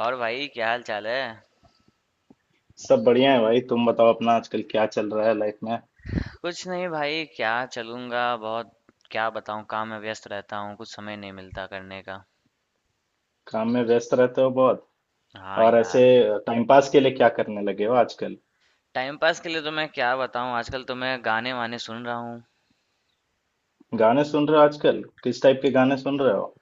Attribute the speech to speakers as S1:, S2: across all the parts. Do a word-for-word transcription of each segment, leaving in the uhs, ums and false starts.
S1: और भाई क्या हाल चाल है।
S2: सब बढ़िया है भाई। तुम बताओ, अपना आजकल क्या चल रहा है लाइफ में।
S1: कुछ नहीं भाई, क्या चलूंगा बहुत। क्या बताऊं, काम में व्यस्त रहता हूँ, कुछ समय नहीं मिलता करने का।
S2: काम में व्यस्त रहते हो बहुत?
S1: हाँ
S2: और ऐसे
S1: यार।
S2: टाइम पास के लिए क्या करने लगे हो आजकल?
S1: टाइम पास के लिए तो मैं क्या बताऊं, आजकल तो मैं गाने वाने सुन रहा हूँ।
S2: गाने सुन रहे हो आजकल? किस टाइप के गाने सुन रहे हो?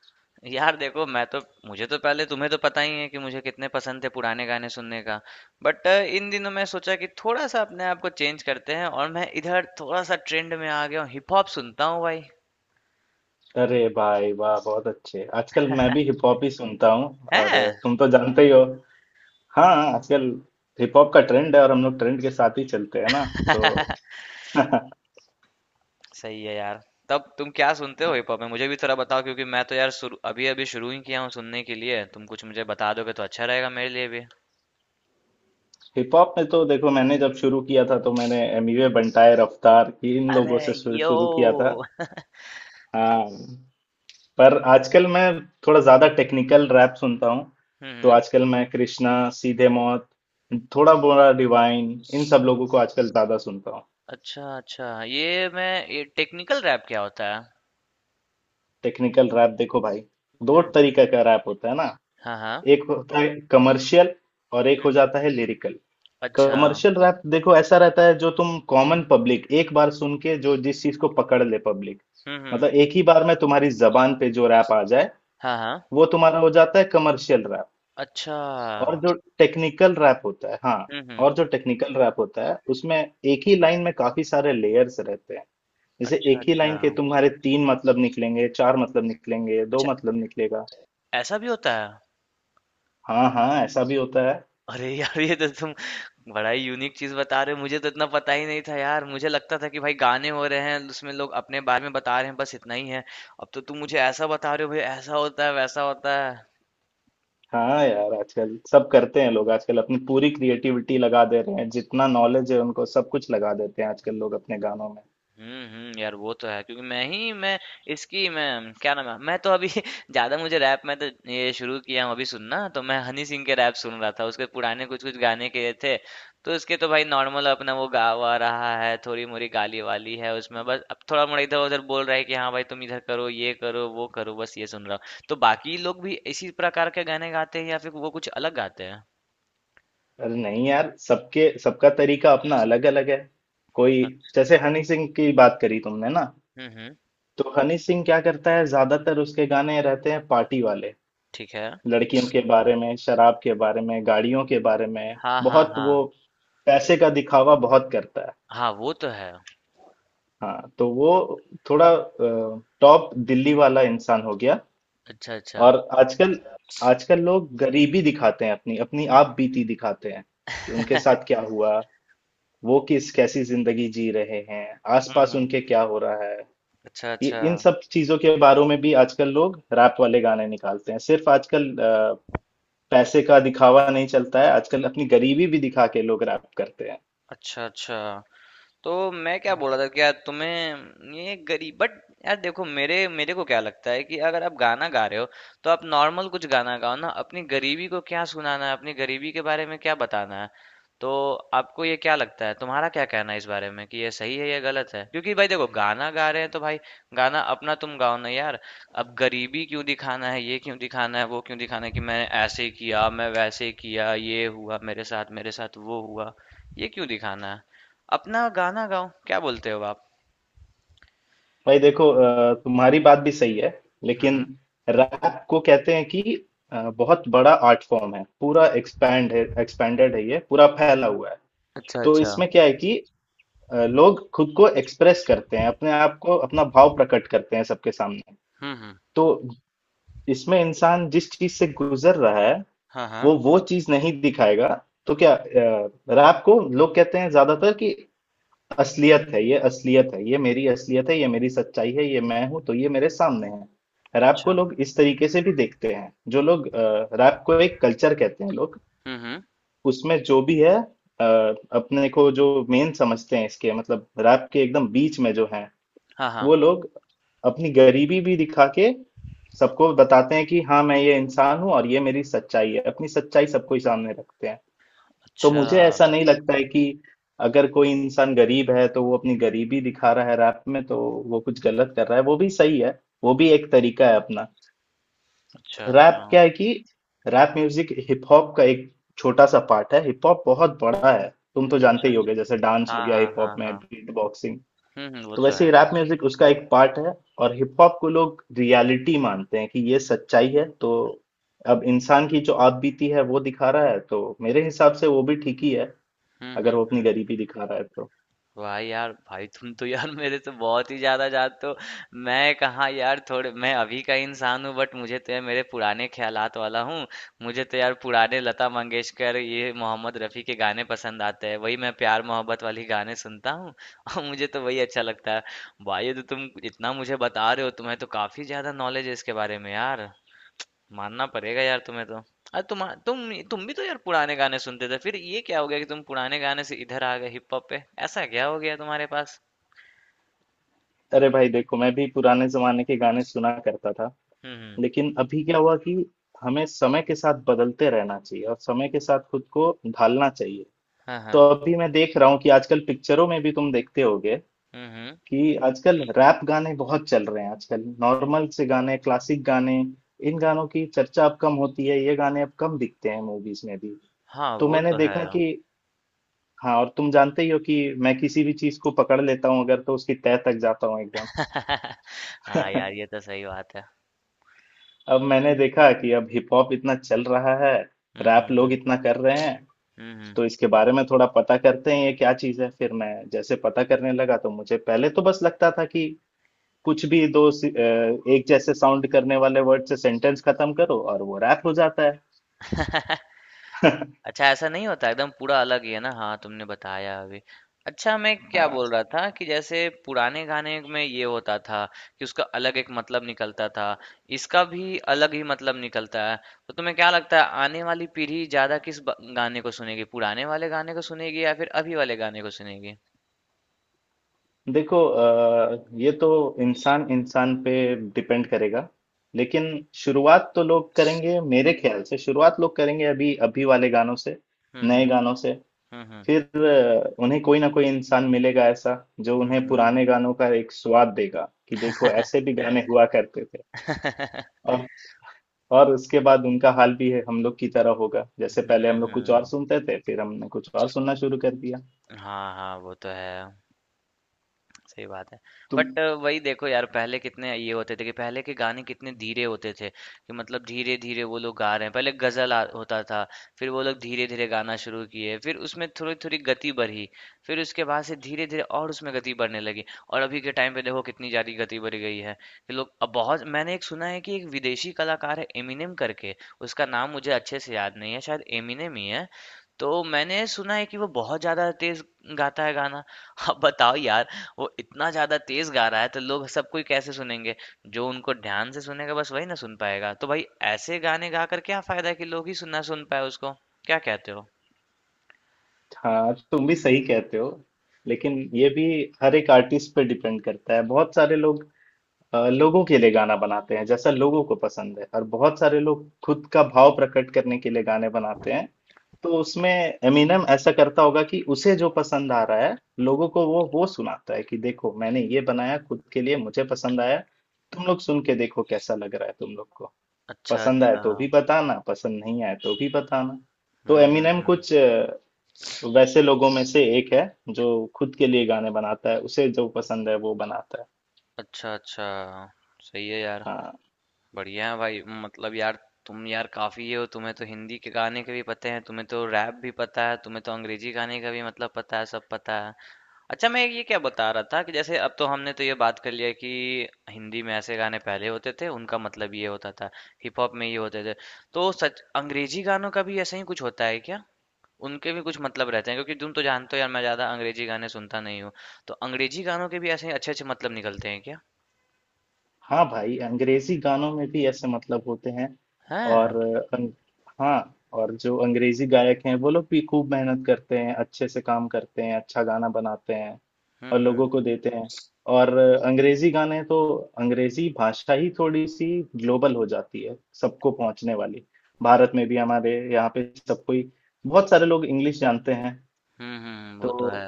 S1: यार देखो, मैं तो मुझे तो, पहले तुम्हें तो पता ही है कि मुझे कितने पसंद थे पुराने गाने सुनने का। बट इन दिनों मैं सोचा कि थोड़ा सा अपने आप को चेंज करते हैं, और मैं इधर थोड़ा सा ट्रेंड में आ गया हूँ, हिप हॉप सुनता हूँ भाई।
S2: अरे भाई वाह, बहुत अच्छे। आजकल मैं भी हिप हॉप ही सुनता हूँ, और
S1: है।
S2: तुम तो जानते ही हो। हाँ, आजकल हिप हॉप का ट्रेंड है और हम लोग ट्रेंड के साथ ही चलते हैं ना। तो
S1: सही है यार। तब तुम क्या सुनते हो हिप हॉप में, मुझे भी थोड़ा बताओ, क्योंकि मैं तो यार शुरू अभी अभी शुरू ही किया हूँ सुनने के लिए। तुम कुछ मुझे बता दोगे तो अच्छा रहेगा मेरे लिए भी।
S2: हिप हॉप में तो देखो, मैंने जब शुरू किया था तो मैंने एमिवे बंटाए रफ्तार, इन
S1: अरे,
S2: लोगों से शुरू
S1: यो।
S2: शुरू किया था। हाँ, पर आजकल मैं थोड़ा ज्यादा टेक्निकल रैप सुनता हूँ। तो
S1: हम्म।
S2: आजकल मैं कृष्णा, सीधे मौत, थोड़ा बोरा डिवाइन, इन सब लोगों को आजकल ज्यादा सुनता हूँ।
S1: अच्छा अच्छा, ये मैं, ये टेक्निकल रैप क्या होता है।
S2: टेक्निकल रैप देखो भाई, दो
S1: हम्म।
S2: तरीके का रैप होता है ना।
S1: हाँ हाँ।
S2: एक होता है कमर्शियल और एक
S1: हम्म
S2: हो
S1: हम्म,
S2: जाता है लिरिकल।
S1: अच्छा।
S2: कमर्शियल रैप देखो ऐसा रहता है, जो तुम कॉमन पब्लिक एक बार सुन के जो जिस चीज को पकड़ ले पब्लिक,
S1: हम्म हम्म।
S2: मतलब एक ही बार में तुम्हारी जबान पे जो रैप आ जाए,
S1: हाँ हाँ।
S2: वो तुम्हारा हो जाता है कमर्शियल।
S1: अच्छा।
S2: और जो टेक्निकल रैप होता है, हाँ,
S1: हम्म हम्म।
S2: और जो टेक्निकल रैप होता है उसमें एक ही लाइन में काफी सारे लेयर्स रहते हैं। जैसे
S1: अच्छा
S2: एक ही
S1: अच्छा।
S2: लाइन के तुम्हारे तीन मतलब निकलेंगे, चार मतलब निकलेंगे, दो
S1: अच्छा,
S2: मतलब निकलेगा।
S1: ऐसा भी होता है।
S2: हाँ हाँ, ऐसा भी होता है।
S1: अरे यार, ये तो तुम बड़ा ही यूनिक चीज बता रहे हो, मुझे तो इतना पता ही नहीं था यार। मुझे लगता था कि भाई गाने हो रहे हैं, उसमें लोग अपने बारे में बता रहे हैं, बस इतना ही है। अब तो तुम मुझे ऐसा बता रहे हो भाई, ऐसा होता है, वैसा होता है।
S2: हाँ यार, आजकल सब करते हैं लोग। आजकल अपनी पूरी क्रिएटिविटी लगा दे रहे हैं, जितना नॉलेज है उनको सब कुछ लगा देते हैं आजकल लोग अपने गानों में।
S1: हुँ, हुँ। यार वो तो है, क्योंकि मैं ही मैं इसकी मैं, क्या नाम है, मैं तो अभी ज़्यादा मुझे रैप में तो ये शुरू किया हूँ अभी सुनना। तो मैं हनी सिंह के रैप सुन रहा था, उसके पुराने कुछ कुछ गाने के थे। तो उसके तो भाई नॉर्मल अपना वो गा वा रहा है, थोड़ी मोरी गाली वाली है उसमें, बस अब थोड़ा मोड़ा इधर उधर बोल रहा है कि हाँ भाई तुम इधर करो, ये करो, वो करो, बस ये सुन रहा हूँ। तो बाकी लोग भी इसी प्रकार के गाने गाते हैं या फिर वो कुछ अलग गाते हैं।
S2: अरे नहीं यार, सबके सबका तरीका अपना अलग अलग है। कोई,
S1: अच्छा।
S2: जैसे हनी सिंह की बात करी तुमने ना,
S1: हम्म हम्म।
S2: तो हनी सिंह क्या करता है, ज्यादातर उसके गाने रहते हैं पार्टी वाले,
S1: ठीक है।
S2: लड़कियों के बारे में, शराब के बारे में, गाड़ियों के बारे में,
S1: हाँ हाँ
S2: बहुत
S1: हाँ
S2: वो पैसे का दिखावा बहुत करता है।
S1: हाँ, वो तो है।
S2: हाँ, तो वो थोड़ा टॉप दिल्ली वाला इंसान हो गया।
S1: अच्छा अच्छा।
S2: और आजकल, आजकल लोग गरीबी दिखाते हैं, अपनी अपनी आप बीती दिखाते हैं कि उनके साथ क्या हुआ, वो किस कैसी जिंदगी जी रहे हैं,
S1: हम्म
S2: आसपास
S1: हम्म।
S2: उनके क्या हो रहा है।
S1: अच्छा,
S2: ये
S1: अच्छा।
S2: इन सब चीजों के बारे में भी आजकल लोग रैप वाले गाने निकालते हैं। सिर्फ आजकल अ, पैसे का दिखावा नहीं चलता है आजकल, अपनी गरीबी भी दिखा के लोग रैप करते हैं।
S1: अच्छा, अच्छा। तो मैं क्या बोल रहा था
S2: हाँ,
S1: कि यार तुम्हें ये गरीब, बट यार देखो, मेरे मेरे को क्या लगता है कि अगर आप गाना गा रहे हो तो आप नॉर्मल कुछ गाना गाओ ना, अपनी गरीबी को क्या सुनाना है, अपनी गरीबी के बारे में क्या बताना है। तो आपको ये क्या लगता है, तुम्हारा क्या कहना है इस बारे में, कि ये सही है या गलत है? क्योंकि भाई देखो, गाना गा रहे हैं तो भाई गाना अपना तुम गाओ ना यार। अब गरीबी क्यों दिखाना है, ये क्यों दिखाना है, वो क्यों दिखाना है कि मैंने ऐसे किया, मैं वैसे किया, ये हुआ मेरे साथ, मेरे साथ वो हुआ। ये क्यों दिखाना है? अपना गाना गाओ, क्या बोलते हो आप?
S2: भाई देखो, अ, तुम्हारी बात भी सही है,
S1: हुँ,
S2: लेकिन
S1: हुँ।
S2: रैप को कहते हैं कि अ, बहुत बड़ा आर्ट फॉर्म है, पूरा एक्सपैंड है, एक्सपैंडेड है, ये पूरा फैला हुआ है।
S1: अच्छा,
S2: तो
S1: अच्छा।
S2: इसमें क्या है कि अ, लोग खुद को एक्सप्रेस करते हैं, अपने आप को अपना भाव प्रकट करते हैं सबके सामने।
S1: हुँ, हुँ।
S2: तो इसमें इंसान जिस चीज से गुजर रहा है,
S1: हाँ,
S2: वो
S1: हाँ।
S2: वो चीज नहीं दिखाएगा तो क्या? रैप को लोग कहते हैं ज्यादातर कि असलियत है ये, असलियत है ये, मेरी असलियत है ये, मेरी सच्चाई है ये, मैं हूं तो ये मेरे सामने है। रैप को
S1: अच्छा।
S2: लोग इस तरीके से भी देखते हैं, जो लोग रैप को एक कल्चर कहते हैं लोग,
S1: हुँ, हुँ।
S2: उसमें जो भी है अ, अपने को जो मेन समझते हैं, इसके मतलब रैप के एकदम बीच में जो है,
S1: हाँ,
S2: वो
S1: हाँ।
S2: लोग अपनी गरीबी भी दिखा के सबको बताते हैं कि हाँ, मैं ये इंसान हूँ और ये मेरी सच्चाई है, अपनी सच्चाई सबको ही सामने रखते हैं। तो
S1: अच्छा।
S2: मुझे ऐसा नहीं लगता है कि अगर कोई इंसान गरीब है तो वो अपनी गरीबी दिखा रहा है रैप में, तो वो कुछ गलत कर रहा है। वो भी सही है, वो भी एक तरीका है अपना।
S1: अच्छा, अच्छा।
S2: रैप क्या है कि रैप म्यूजिक हिप हॉप का एक छोटा सा पार्ट है, हिप हॉप बहुत बड़ा है। तुम तो जानते
S1: अच्छा,
S2: ही
S1: अच्छा।
S2: होगे, जैसे डांस हो
S1: हाँ,
S2: गया
S1: हाँ,
S2: हिप हॉप
S1: हाँ,
S2: में,
S1: हाँ।
S2: बीट बॉक्सिंग,
S1: हुँ, हुँ, वो
S2: तो
S1: तो
S2: वैसे ही
S1: है
S2: रैप
S1: यार।
S2: म्यूजिक उसका एक पार्ट है। और हिप हॉप को लोग रियलिटी मानते हैं कि ये सच्चाई है, तो अब इंसान की जो आप बीती है वो दिखा रहा है तो मेरे हिसाब से वो भी ठीक ही है,
S1: हुँ,
S2: अगर
S1: हुँ,
S2: वो अपनी
S1: हुँ।
S2: गरीबी दिखा रहा है तो।
S1: वाह यार भाई, तुम तो यार मेरे से बहुत ही ज्यादा जानते हो। मैं कहाँ यार, थोड़े मैं अभी का इंसान हूँ बट मुझे तो यार मेरे पुराने ख्यालात वाला हूँ। मुझे तो यार पुराने लता मंगेशकर, ये मोहम्मद रफ़ी के गाने पसंद आते हैं, वही मैं प्यार मोहब्बत वाली गाने सुनता हूँ। और मुझे तो वही अच्छा लगता है। भाई ये तो तुम इतना मुझे बता रहे हो, तुम्हें तो काफी ज्यादा नॉलेज है इसके बारे में यार। मानना पड़ेगा यार तुम्हें तो। अरे तुम तुम तुम भी तो यार पुराने गाने सुनते थे, फिर ये क्या हो गया कि तुम पुराने गाने से इधर आ गए हिप हॉप पे? ऐसा क्या हो गया तुम्हारे पास?
S2: अरे भाई देखो, मैं भी पुराने जमाने के गाने सुना करता था,
S1: हम्म हम्म।
S2: लेकिन अभी क्या हुआ कि हमें समय के साथ बदलते रहना चाहिए और समय के साथ खुद को ढालना चाहिए।
S1: हाँ हाँ।
S2: तो अभी मैं देख रहा हूँ कि आजकल पिक्चरों में भी तुम देखते होगे
S1: हम्म हम्म।
S2: कि आजकल रैप गाने बहुत चल रहे हैं। आजकल नॉर्मल से गाने, क्लासिक गाने, इन गानों की चर्चा अब कम होती है, ये गाने अब कम दिखते हैं मूवीज में भी।
S1: हाँ,
S2: तो
S1: वो
S2: मैंने
S1: तो है।
S2: देखा कि, हाँ, और तुम जानते ही हो कि मैं किसी भी चीज को पकड़ लेता हूँ अगर, तो उसकी तह तक जाता हूँ एकदम।
S1: हाँ यार, ये तो सही बात है।
S2: अब मैंने देखा कि अब हिप हॉप इतना चल रहा है,
S1: हम्म
S2: रैप
S1: हम्म
S2: लोग
S1: हम्म।
S2: इतना कर रहे हैं,
S1: हम्म हम्म।
S2: तो इसके बारे में थोड़ा पता करते हैं ये क्या चीज है। फिर मैं जैसे पता करने लगा तो मुझे पहले तो बस लगता था कि कुछ भी दो सी- अ, एक जैसे साउंड करने वाले वर्ड से सेंटेंस खत्म करो और वो रैप हो जाता है।
S1: अच्छा, ऐसा नहीं होता, एकदम पूरा अलग ही है ना। हाँ, तुमने बताया अभी। अच्छा मैं क्या
S2: हाँ,
S1: बोल रहा था, कि जैसे पुराने गाने में ये होता था कि उसका अलग एक मतलब निकलता था, इसका भी अलग ही मतलब निकलता है। तो तुम्हें क्या लगता है, आने वाली पीढ़ी ज्यादा किस ब- गाने को सुनेगी, पुराने वाले गाने को सुनेगी या फिर अभी वाले गाने को सुनेगी?
S2: देखो अ, ये तो इंसान इंसान पे डिपेंड करेगा, लेकिन शुरुआत तो लोग करेंगे मेरे ख्याल से, शुरुआत लोग करेंगे अभी अभी वाले गानों से,
S1: हम्म
S2: नए
S1: हम्म।
S2: गानों से।
S1: हम्म।
S2: फिर अ, उन्हें कोई ना कोई इंसान मिलेगा ऐसा, जो
S1: हम्म
S2: उन्हें
S1: हम्म हम्म।
S2: पुराने गानों का एक स्वाद देगा कि देखो, ऐसे भी गाने हुआ करते थे।
S1: हम्म
S2: और और उसके बाद उनका हाल भी है हम लोग की तरह होगा, जैसे
S1: हम्म
S2: पहले हम लोग कुछ और
S1: हम्म,
S2: सुनते थे फिर हमने कुछ और सुनना शुरू कर दिया।
S1: हाँ हाँ वो तो है। सही बात है।
S2: तुम,
S1: बट वही देखो यार, पहले कितने ये होते थे कि पहले के गाने कितने धीरे होते थे, कि मतलब धीरे धीरे वो लोग गा रहे हैं, पहले गजल आ, होता था। फिर वो लोग धीरे धीरे गाना शुरू किए, फिर उसमें थोड़ी थोड़ी गति बढ़ी। फिर उसके बाद से धीरे धीरे और उसमें गति बढ़ने लगी, और अभी के टाइम पे देखो कितनी ज्यादा गति बढ़ गई है, कि लोग अब बहुत, मैंने एक सुना है कि एक विदेशी कलाकार है एमिनेम करके। उसका नाम मुझे अच्छे से याद नहीं है, शायद एमिनेम ही है। तो मैंने सुना है कि वो बहुत ज्यादा तेज गाता है गाना। अब बताओ यार, वो इतना ज़्यादा तेज़ गा रहा है तो लोग सब कोई कैसे सुनेंगे? जो उनको ध्यान से सुनेगा बस वही ना सुन पाएगा। तो भाई ऐसे गाने गा कर क्या फ़ायदा है कि लोग ही सुन ना सुन पाएँ उसको? क्या कहते हो?
S2: हाँ, तुम भी सही कहते हो, लेकिन ये भी हर एक आर्टिस्ट पे डिपेंड करता है। बहुत सारे लोग अ, लोगों के लिए गाना बनाते हैं जैसा लोगों को पसंद है, और बहुत सारे लोग खुद का भाव प्रकट करने के लिए गाने बनाते हैं। तो उसमें एमिनम ऐसा करता होगा कि उसे जो पसंद आ रहा है, लोगों को वो वो सुनाता है कि देखो, मैंने ये बनाया खुद के लिए, मुझे पसंद आया, तुम लोग सुन के देखो कैसा लग रहा है तुम लोग को।
S1: अच्छा,
S2: पसंद आए
S1: अच्छा।
S2: तो भी बताना, पसंद नहीं आए तो भी बताना। तो
S1: हुँ, हुँ,
S2: एमिनम
S1: हुँ।
S2: कुछ अ, वैसे लोगों में से एक है जो खुद के लिए गाने बनाता है, उसे जो पसंद है वो बनाता है।
S1: अच्छा, अच्छा। सही है यार।
S2: हाँ।
S1: बढ़िया है भाई, मतलब यार तुम यार काफ़ी ये हो, तुम्हें तो हिंदी के गाने के भी पते हैं, तुम्हें तो रैप भी पता है, तुम्हें तो अंग्रेज़ी गाने का भी मतलब पता है, सब पता है। अच्छा मैं ये क्या बता रहा था, कि जैसे अब तो हमने तो ये बात कर लिया कि हिंदी में ऐसे गाने पहले होते थे, उनका मतलब ये होता था, हिप हॉप में ये होते थे। तो सच अंग्रेजी गानों का भी ऐसा ही कुछ होता है क्या, उनके भी कुछ मतलब रहते हैं? क्योंकि तुम तो जानते हो यार, मैं ज्यादा अंग्रेजी गाने सुनता नहीं हूँ। तो अंग्रेजी गानों के भी ऐसे ही अच्छे अच्छे मतलब निकलते हैं क्या?
S2: हाँ भाई, अंग्रेजी गानों में भी ऐसे मतलब होते हैं। और
S1: हैं।
S2: अंग, हाँ, और जो अंग्रेजी गायक हैं वो लोग भी खूब मेहनत करते हैं, अच्छे से काम करते हैं, अच्छा गाना बनाते हैं
S1: हम्म
S2: और
S1: हम्म।
S2: लोगों को देते हैं। और अंग्रेजी गाने तो, अंग्रेजी भाषा ही थोड़ी सी ग्लोबल हो जाती है, सबको पहुंचने वाली। भारत में भी हमारे यहाँ पे सबको ही, बहुत सारे लोग इंग्लिश जानते हैं।
S1: हम्म हम्म, वो
S2: तो
S1: तो है।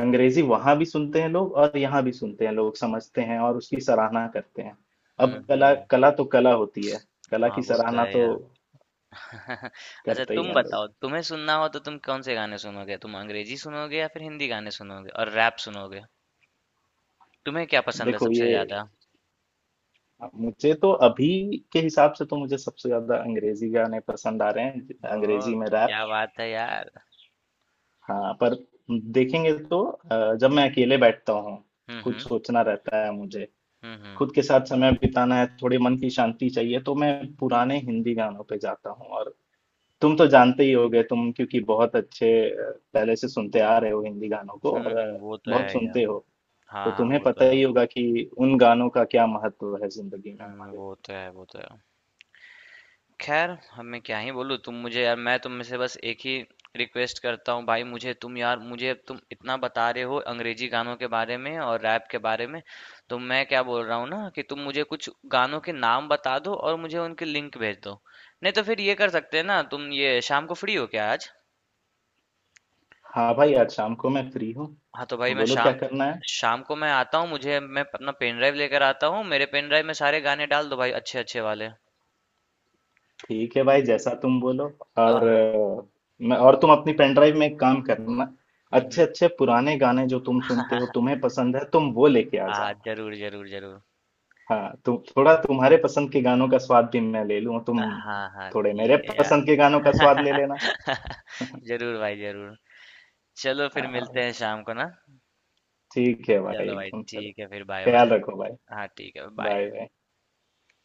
S2: अंग्रेजी वहां भी सुनते हैं लोग और यहाँ भी सुनते हैं लोग, समझते हैं और उसकी सराहना करते हैं।
S1: हम्म
S2: अब कला
S1: हम्म।
S2: कला तो कला होती है, कला
S1: हाँ,
S2: की
S1: वो तो
S2: सराहना
S1: है
S2: तो
S1: यार। अच्छा
S2: करते ही
S1: तुम
S2: हैं लोग।
S1: बताओ, तुम्हें सुनना हो तो तुम कौन से गाने सुनोगे, तुम अंग्रेजी सुनोगे या फिर हिंदी गाने सुनोगे और रैप सुनोगे? तुम्हें क्या पसंद है
S2: देखो
S1: सबसे
S2: ये,
S1: ज़्यादा?
S2: मुझे तो अभी के हिसाब से तो मुझे सबसे ज्यादा अंग्रेजी गाने पसंद आ रहे हैं,
S1: ओह!
S2: अंग्रेजी में रैप।
S1: क्या बात है यार।
S2: हाँ, पर देखेंगे तो अ, जब मैं अकेले बैठता हूँ,
S1: हुँ,
S2: कुछ
S1: हुँ।
S2: सोचना रहता है मुझे,
S1: हुँ, हुँ।
S2: खुद के साथ समय बिताना है, थोड़ी मन की शांति चाहिए, तो मैं पुराने हिंदी गानों पे जाता हूँ। और तुम तो जानते ही होगे तुम, क्योंकि बहुत अच्छे अ, पहले से सुनते आ रहे हो हिंदी गानों को,
S1: हुँ,
S2: और
S1: हुँ,
S2: अ,
S1: वो तो
S2: बहुत
S1: है यार।
S2: सुनते हो,
S1: हाँ,
S2: तो
S1: हाँ,
S2: तुम्हें
S1: वो तो
S2: पता ही
S1: है।
S2: होगा कि उन गानों का क्या महत्व है जिंदगी में
S1: हुँ,
S2: हमारे।
S1: वो तो है, वो तो है। ख़ैर, अब मैं क्या ही बोलूँ, तुम मुझे यार, मैं तुम में से बस एक ही रिक्वेस्ट करता हूँ भाई, मुझे तुम यार, मुझे अब तुम इतना बता रहे हो अंग्रेज़ी गानों के बारे में और रैप के बारे में, तो मैं क्या बोल रहा हूँ ना, कि तुम मुझे कुछ गानों के नाम बता दो और मुझे उनकी लिंक भेज दो। नहीं तो फिर ये कर सकते हैं ना, तुम ये शाम को फ्री हो क्या आज?
S2: हाँ भाई, आज शाम को मैं फ्री हूँ,
S1: हाँ तो भाई मैं
S2: बोलो क्या
S1: शाम
S2: करना है।
S1: शाम को मैं आता हूँ, मुझे मैं अपना पेन ड्राइव लेकर आता हूँ, मेरे पेन ड्राइव में सारे गाने डाल दो भाई अच्छे अच्छे वाले।
S2: ठीक है भाई, जैसा तुम बोलो। और
S1: आह।
S2: अ, मैं, और तुम अपनी पेन ड्राइव में एक काम करना,
S1: हम्म
S2: अच्छे
S1: हम्म।
S2: अच्छे पुराने गाने जो तुम सुनते हो, तुम्हें पसंद है, तुम वो लेके आ
S1: आ,
S2: जाना।
S1: जरूर जरूर जरूर।
S2: हाँ, तुम थोड़ा, तुम्हारे पसंद के गानों का स्वाद भी मैं ले लूँ, तुम
S1: हाँ हाँ,
S2: थोड़े मेरे
S1: ठीक है यार।
S2: पसंद के गानों का स्वाद ले लेना।
S1: जरूर भाई जरूर। चलो फिर
S2: हाँ,
S1: मिलते हैं शाम को ना।
S2: ठीक है भाई,
S1: चलो भाई,
S2: एकदम चलो।
S1: ठीक है, फिर बाय बाय।
S2: ख्याल रखो भाई।
S1: हाँ ठीक है, बाय।
S2: Bye bye.